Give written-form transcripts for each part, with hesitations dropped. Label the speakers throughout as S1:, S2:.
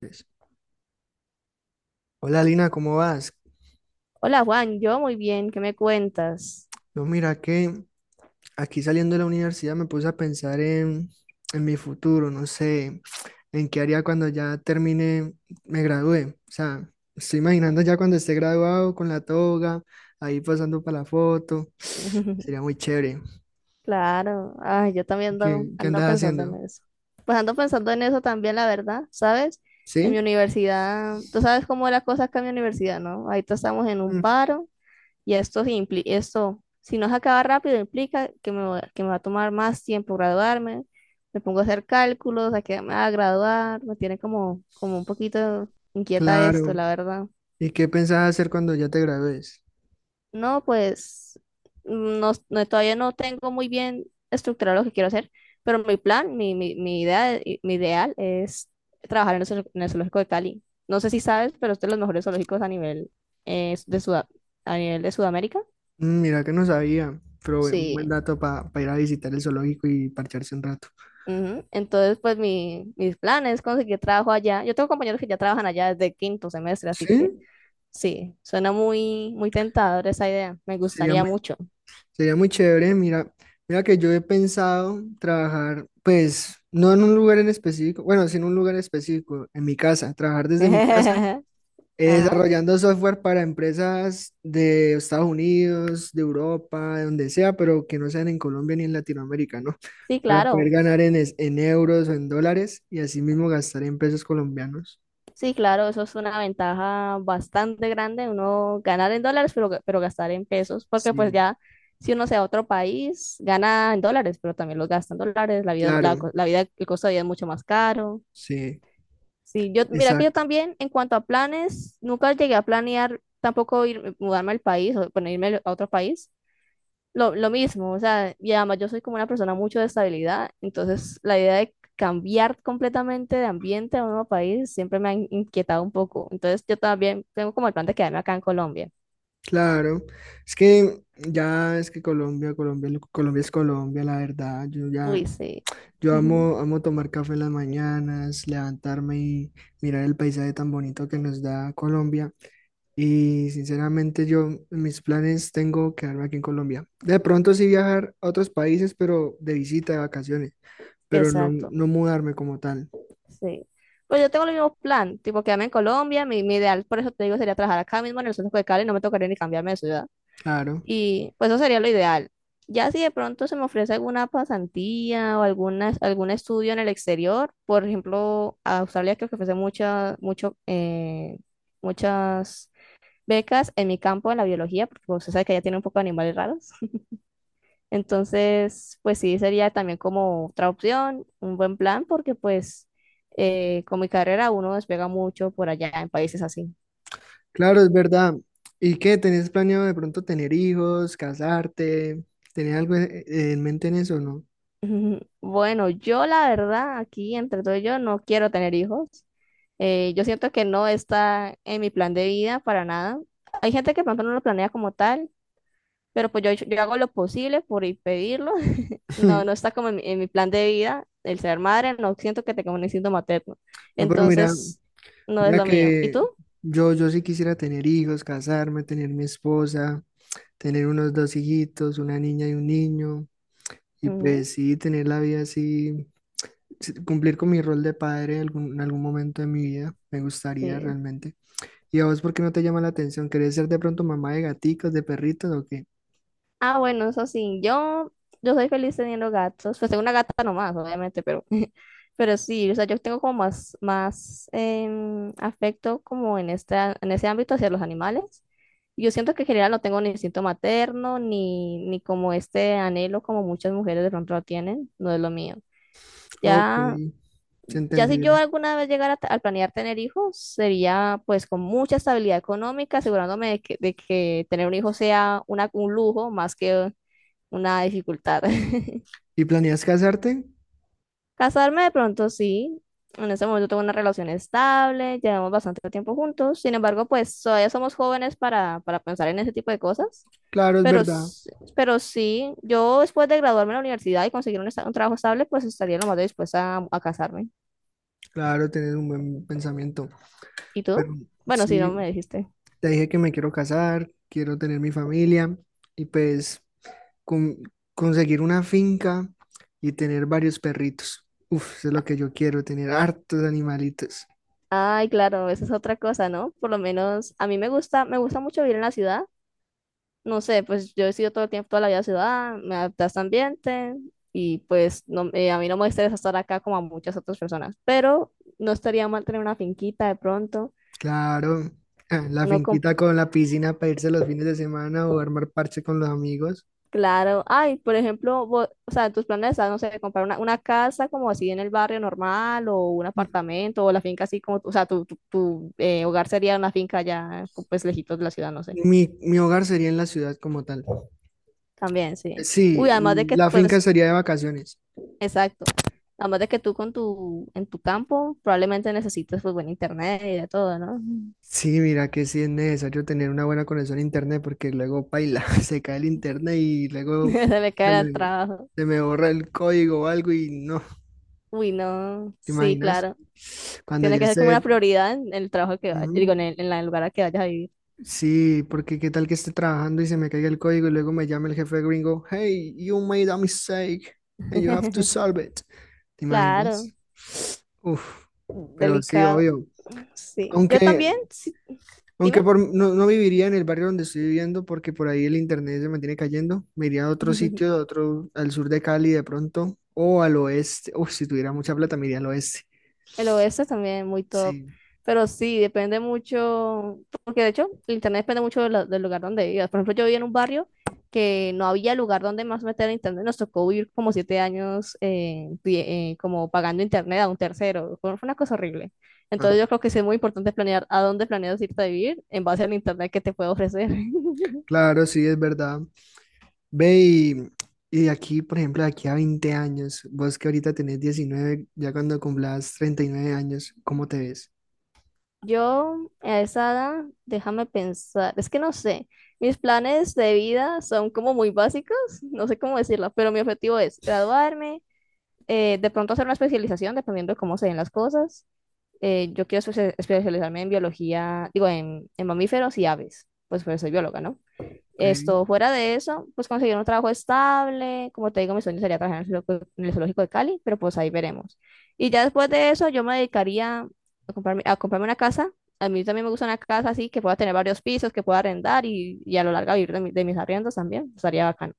S1: Pues, Hola Lina, ¿cómo vas?
S2: Hola Juan, yo muy bien, ¿qué me cuentas?
S1: No, mira que aquí saliendo de la universidad me puse a pensar en mi futuro, no sé, en qué haría cuando ya termine, me gradué. O sea, estoy imaginando ya cuando esté graduado con la toga, ahí pasando para la foto. Sería muy chévere.
S2: Claro, ay, yo también ando,
S1: ¿Qué, qué
S2: ando
S1: andas
S2: pensando en
S1: haciendo?
S2: eso. Pues ando pensando en eso también, la verdad, ¿sabes? En mi
S1: ¿Sí?
S2: universidad, tú sabes cómo es la cosa acá en mi universidad, ¿no? Ahorita estamos en un
S1: Mm,
S2: paro y esto, esto si no se acaba rápido, implica que me va a tomar más tiempo graduarme. Me pongo a hacer cálculos, a quedarme a graduar, me tiene como un poquito inquieta esto,
S1: claro.
S2: la verdad.
S1: ¿Y qué pensás hacer cuando ya te gradúes?
S2: No, pues no, todavía no tengo muy bien estructurado lo que quiero hacer, pero mi plan, mi idea, mi ideal es trabajar en el zoológico de Cali. No sé si sabes, pero este es de los mejores zoológicos eh, de Suda- a nivel de Sudamérica.
S1: Mm, mira que no sabía, pero buen
S2: Sí.
S1: dato para ir a visitar el zoológico y parcharse un rato.
S2: Ujú. Entonces, pues mis planes es conseguir trabajo allá. Yo tengo compañeros que ya trabajan allá desde quinto semestre, así que
S1: ¿Sí?
S2: sí, suena muy, muy tentador esa idea. Me
S1: Sería
S2: gustaría
S1: muy,
S2: mucho.
S1: sería muy chévere, mira que yo he pensado trabajar, pues, no en un lugar en específico, bueno, sí en un lugar específico, en mi casa, trabajar desde mi casa,
S2: Ajá.
S1: desarrollando software para empresas de Estados Unidos, de Europa, de donde sea, pero que no sean en Colombia ni en Latinoamérica, ¿no?
S2: Sí,
S1: Para poder
S2: claro.
S1: ganar en euros o en dólares y así mismo gastar en pesos colombianos.
S2: Sí, claro, eso es una ventaja bastante grande, uno ganar en dólares, pero gastar en pesos, porque pues
S1: Sí,
S2: ya si uno se va a otro país, gana en dólares, pero también los gasta en dólares, la vida,
S1: claro,
S2: el costo de vida es mucho más caro.
S1: sí,
S2: Sí, mira que yo
S1: exacto.
S2: también, en cuanto a planes, nunca llegué a planear tampoco ir, mudarme al país o bueno, irme a otro país, lo mismo, o sea, y además yo soy como una persona mucho de estabilidad, entonces la idea de cambiar completamente de ambiente a un nuevo país siempre me ha inquietado un poco, entonces yo también tengo como el plan de quedarme acá en Colombia.
S1: Claro, es que ya es que Colombia es Colombia, la verdad.
S2: Uy, sí.
S1: Yo amo, amo tomar café en las mañanas, levantarme y mirar el paisaje tan bonito que nos da Colombia. Y sinceramente yo en mis planes tengo quedarme aquí en Colombia. De pronto sí viajar a otros países, pero de visita, de vacaciones, pero no,
S2: Exacto,
S1: no mudarme como tal.
S2: sí. Pues yo tengo el mismo plan, tipo quedarme en Colombia, mi ideal, por eso te digo, sería trabajar acá mismo en el centro de Cali, no me tocaría ni cambiarme de ciudad.
S1: Claro.
S2: Y pues eso sería lo ideal. Ya si de pronto se me ofrece alguna pasantía o algún estudio en el exterior, por ejemplo, a Australia creo que ofrece muchas becas en mi campo, en la biología, porque pues, usted sabe que ya tiene un poco de animales raros. Entonces, pues sí, sería también como otra opción, un buen plan, porque pues con mi carrera uno despega mucho por allá en países así.
S1: Claro, es verdad. ¿Y qué? ¿Tenés planeado de pronto tener hijos, casarte? ¿Tenés algo en mente en eso, no?
S2: Ujú. Bueno, yo la verdad, aquí entre todo yo no quiero tener hijos. Yo siento que no está en mi plan de vida para nada. Hay gente que de pronto no lo planea como tal, pero pues yo hago lo posible por impedirlo. No, no está como en mi plan de vida el ser madre, no siento que tenga un instinto materno.
S1: No, pero mira,
S2: Entonces, no es
S1: mira
S2: lo mío. ¿Y
S1: que
S2: tú?
S1: yo sí quisiera tener hijos, casarme, tener mi esposa, tener unos dos hijitos, una niña y un niño, y
S2: Ujú,
S1: pues sí, tener la vida así, sí, cumplir con mi rol de padre en en algún momento de mi vida, me gustaría
S2: sí.
S1: realmente. ¿Y a vos por qué no te llama la atención? ¿Querés ser de pronto mamá de gaticos, de perritos o qué?
S2: Ah, bueno, eso sí, yo soy feliz teniendo gatos. Pues tengo una gata nomás, obviamente, pero, pero sí, o sea, yo tengo como más, afecto como en ese ámbito hacia los animales. Yo siento que en general no tengo ni instinto materno, ni como este anhelo como muchas mujeres de pronto lo tienen, no es lo mío.
S1: Ok,
S2: Ya,
S1: es
S2: ya si yo
S1: entendible.
S2: alguna vez llegara a planear tener hijos, sería pues con mucha estabilidad económica, asegurándome de que tener un hijo sea un lujo más que una dificultad.
S1: ¿Y planeas casarte?
S2: Casarme de pronto sí. En ese momento tengo una relación estable, llevamos bastante tiempo juntos. Sin embargo, pues todavía somos jóvenes para pensar en ese tipo de cosas.
S1: Claro, es
S2: Pero,
S1: verdad.
S2: s- pero sí, yo después de graduarme en la universidad y conseguir un trabajo estable, pues estaría lo más dispuesta a casarme.
S1: Claro, tienes un buen pensamiento.
S2: ¿Y tú?
S1: Pero
S2: Bueno, sí, no me
S1: sí,
S2: dijiste.
S1: te dije que me quiero casar, quiero tener mi familia y pues con- conseguir una finca y tener varios perritos. Uf, eso es lo que yo quiero, tener hartos animalitos.
S2: Ay, claro, esa es otra cosa, ¿no? Por lo menos a mí me gusta mucho vivir en la ciudad. No sé, pues yo he sido todo el tiempo, toda la vida ciudad, me adapté a este ambiente y pues no, a mí no me interesa estar acá como a muchas otras personas, pero no estaría mal tener una finquita de pronto,
S1: Claro, ah, la
S2: no con,
S1: finquita con la piscina para irse los fines de semana o armar parche con los amigos.
S2: claro, ay, por ejemplo, o sea, en tus planes están, no sé, comprar una casa como así en el barrio normal o un apartamento o la finca así como, o sea, tu hogar sería una finca ya pues lejitos de la ciudad, no sé,
S1: Mi hogar sería en la ciudad como tal.
S2: también, sí.
S1: Sí,
S2: Uy, además de
S1: y
S2: que
S1: la finca
S2: pues.
S1: sería de vacaciones.
S2: Exacto. Además de que tú en tu campo probablemente necesites pues buen internet y de todo, ¿no?
S1: Sí, mira que sí es necesario tener una buena conexión a internet porque luego paila, se cae el internet y luego
S2: Se le
S1: se
S2: cae el
S1: me,
S2: trabajo.
S1: se me borra el código o algo y no,
S2: Uy, no.
S1: ¿te
S2: Sí,
S1: imaginas?
S2: claro.
S1: Cuando
S2: Tiene
S1: ya
S2: que ser como
S1: esté,
S2: una prioridad en el trabajo que vayas,
S1: ujú,
S2: digo, en el lugar al que vayas a vivir.
S1: sí, porque qué tal que esté trabajando y se me caiga el código y luego me llama el jefe gringo, hey, you made a mistake and you have to solve it, ¿te
S2: Claro.
S1: imaginas? Uf, pero sí,
S2: Delicado.
S1: obvio.
S2: Sí. Yo
S1: Aunque,
S2: también, sí. Dime.
S1: Aunque no, no viviría en el barrio donde estoy viviendo porque por ahí el internet se mantiene cayendo. Me iría a otro sitio, a otro, al sur de Cali de pronto, o al oeste. Uf, si tuviera mucha plata, me iría al oeste.
S2: El oeste también muy top.
S1: Sí,
S2: Pero sí, depende mucho, porque de hecho el internet depende mucho del lugar donde vivas. Por ejemplo, yo vivía en un barrio que no había lugar donde más meter internet. Nos tocó vivir como 7 años como pagando internet a un tercero. Fue una cosa horrible.
S1: ah,
S2: Entonces yo creo que sí es muy importante planear a dónde planeas irte a vivir en base al internet que te puede ofrecer.
S1: claro, sí, es verdad. Ve y, y de aquí, por ejemplo, de aquí a 20 años, vos que ahorita tenés 19, ya cuando cumplas 39 años, ¿cómo te ves?
S2: Yo a esa edad, déjame pensar, es que no sé, mis planes de vida son como muy básicos, no sé cómo decirlo, pero mi objetivo es graduarme, de pronto hacer una especialización, dependiendo de cómo se den las cosas. Yo quiero especializarme en biología, digo, en mamíferos y aves, pues soy bióloga, ¿no?
S1: Ok,
S2: Esto, fuera de eso, pues conseguir un trabajo estable, como te digo, mi sueño sería trabajar en el zoológico de Cali, pero pues ahí veremos. Y ya después de eso, yo me dedicaría a comprarme una casa. A mí también me gusta una casa así, que pueda tener varios pisos, que pueda arrendar y a lo largo vivir de mis arriendos también, estaría bacano.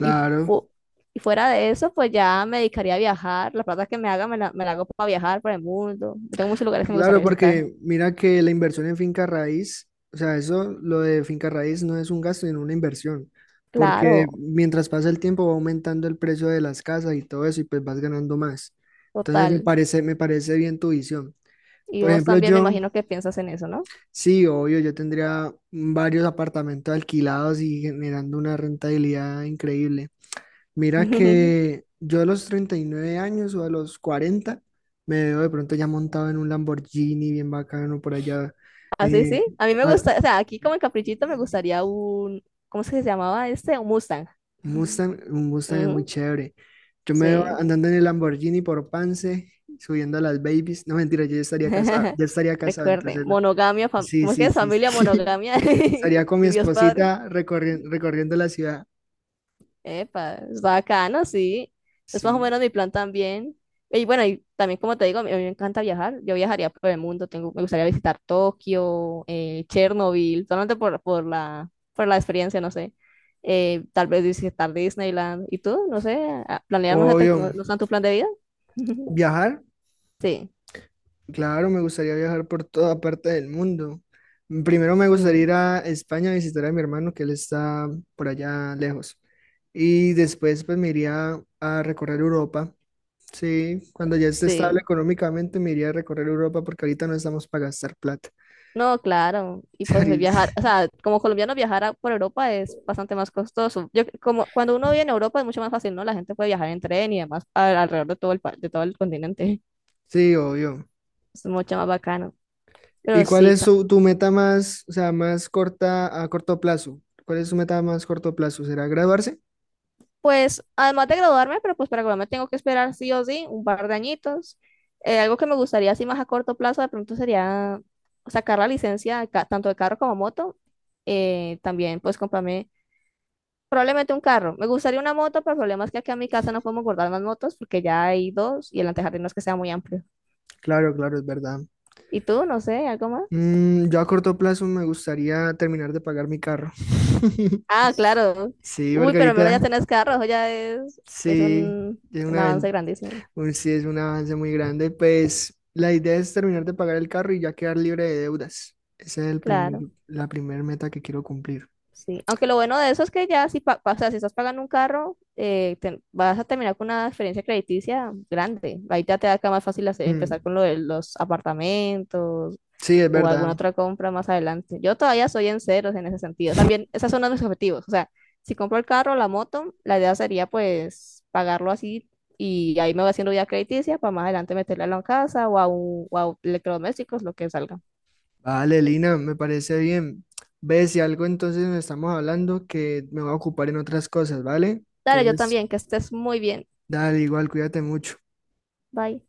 S2: Y, fu- y fuera de eso, pues ya me dedicaría a viajar. La plata que me haga, me la hago para viajar por el mundo. Yo tengo muchos lugares que me
S1: Claro,
S2: gustaría visitar.
S1: porque mira que la inversión en finca raíz, o sea, eso, lo de finca raíz no es un gasto, sino una inversión, porque
S2: Claro,
S1: mientras pasa el tiempo va aumentando el precio de las casas y todo eso y pues vas ganando más. Entonces
S2: total.
S1: me parece bien tu visión.
S2: Y
S1: Por
S2: vos
S1: ejemplo,
S2: también me
S1: yo,
S2: imagino que piensas en eso, ¿no?
S1: sí, obvio, yo tendría varios apartamentos alquilados y generando una rentabilidad increíble. Mira que yo a los 39 años o a los 40 me veo de pronto ya montado en un Lamborghini bien bacano por allá.
S2: Así
S1: eh,
S2: sí. A mí me
S1: ah,
S2: gusta, o sea, aquí como en Caprichito me gustaría un, ¿cómo es que se llamaba este? Un Mustang.
S1: Mustang, un Mustang es muy
S2: Ujú,
S1: chévere. Yo me veo
S2: sí.
S1: andando en el Lamborghini por Pance, subiendo a las babies. No, mentira, yo ya estaría casado,
S2: Recuerde,
S1: entonces no.
S2: monogamia,
S1: Sí,
S2: ¿cómo es que
S1: sí,
S2: es
S1: sí,
S2: familia
S1: sí.
S2: monogamia?
S1: Estaría con mi
S2: Y Dios Padre.
S1: esposita recorriendo la ciudad.
S2: Epa, es bacano, sí. Es más o
S1: Sí.
S2: menos mi plan también. Y bueno, y también como te digo, a mí me encanta viajar. Yo viajaría por el mundo. Tengo, me gustaría visitar Tokio, Chernobyl, solamente por la experiencia, no sé. Tal vez visitar Disneyland. ¿Y tú? No sé, planear no sé, te-
S1: Obvio.
S2: no, no está en tu plan de vida.
S1: Viajar,
S2: Sí,
S1: claro, me gustaría viajar por toda parte del mundo. Primero me gustaría
S2: mm,
S1: ir a España a visitar a mi hermano, que él está por allá lejos. Y después pues me iría a recorrer Europa. Sí, cuando ya esté estable
S2: sí.
S1: económicamente me iría a recorrer Europa porque ahorita no estamos para gastar plata.
S2: No, claro. Y pues viajar,
S1: Ahorita-
S2: o sea, como colombiano viajar por Europa es bastante más costoso. Yo, como cuando uno vive en Europa es mucho más fácil, ¿no? La gente puede viajar en tren y además alrededor de de todo el continente.
S1: sí, obvio.
S2: Es mucho más bacano. Pero
S1: ¿Y cuál
S2: sí,
S1: tu meta más, o sea, más corta a corto plazo? ¿Cuál es su meta más corto plazo? ¿Será graduarse?
S2: pues además de graduarme, pero pues para graduarme tengo que esperar sí o sí un par de añitos. Algo que me gustaría así más a corto plazo de pronto sería sacar la licencia tanto de carro como moto. También pues comprarme probablemente un carro. Me gustaría una moto, pero el problema es que aquí en mi casa no podemos guardar más motos porque ya hay dos y el antejardín no es que sea muy amplio.
S1: Claro, claro, es verdad.
S2: ¿Y tú? No sé, ¿algo más?
S1: Mm, yo a corto plazo me gustaría terminar de pagar mi carro.
S2: Ah, claro.
S1: Sí,
S2: Uy, pero al menos ya
S1: Margarita,
S2: tenés carro, eso ya es
S1: sí,
S2: un,
S1: es
S2: un avance grandísimo.
S1: sí, es un avance muy grande. Pues la idea es terminar de pagar el carro y ya quedar libre de deudas. Esa es el primer,
S2: Claro,
S1: la primera meta que quiero cumplir.
S2: sí. Aunque lo bueno de eso es que ya o sea, si estás pagando un carro, vas a terminar con una experiencia crediticia grande. Ahí ya te da acá más fácil
S1: Mm,
S2: empezar con lo de los apartamentos,
S1: sí, es
S2: o
S1: verdad.
S2: alguna otra compra más adelante. Yo todavía soy en ceros en ese sentido. También, esos son uno de mis objetivos. O sea, si compro el carro, la moto, la idea sería pues pagarlo así y ahí me voy haciendo ya crediticia para más adelante meterla en la casa o a electrodomésticos, lo que salga.
S1: Vale, Lina, me parece bien. Ve, si algo entonces nos estamos hablando que me voy a ocupar en otras cosas, ¿vale?
S2: Dale, yo
S1: Entonces,
S2: también, que estés muy bien.
S1: dale, igual, cuídate mucho.
S2: Bye.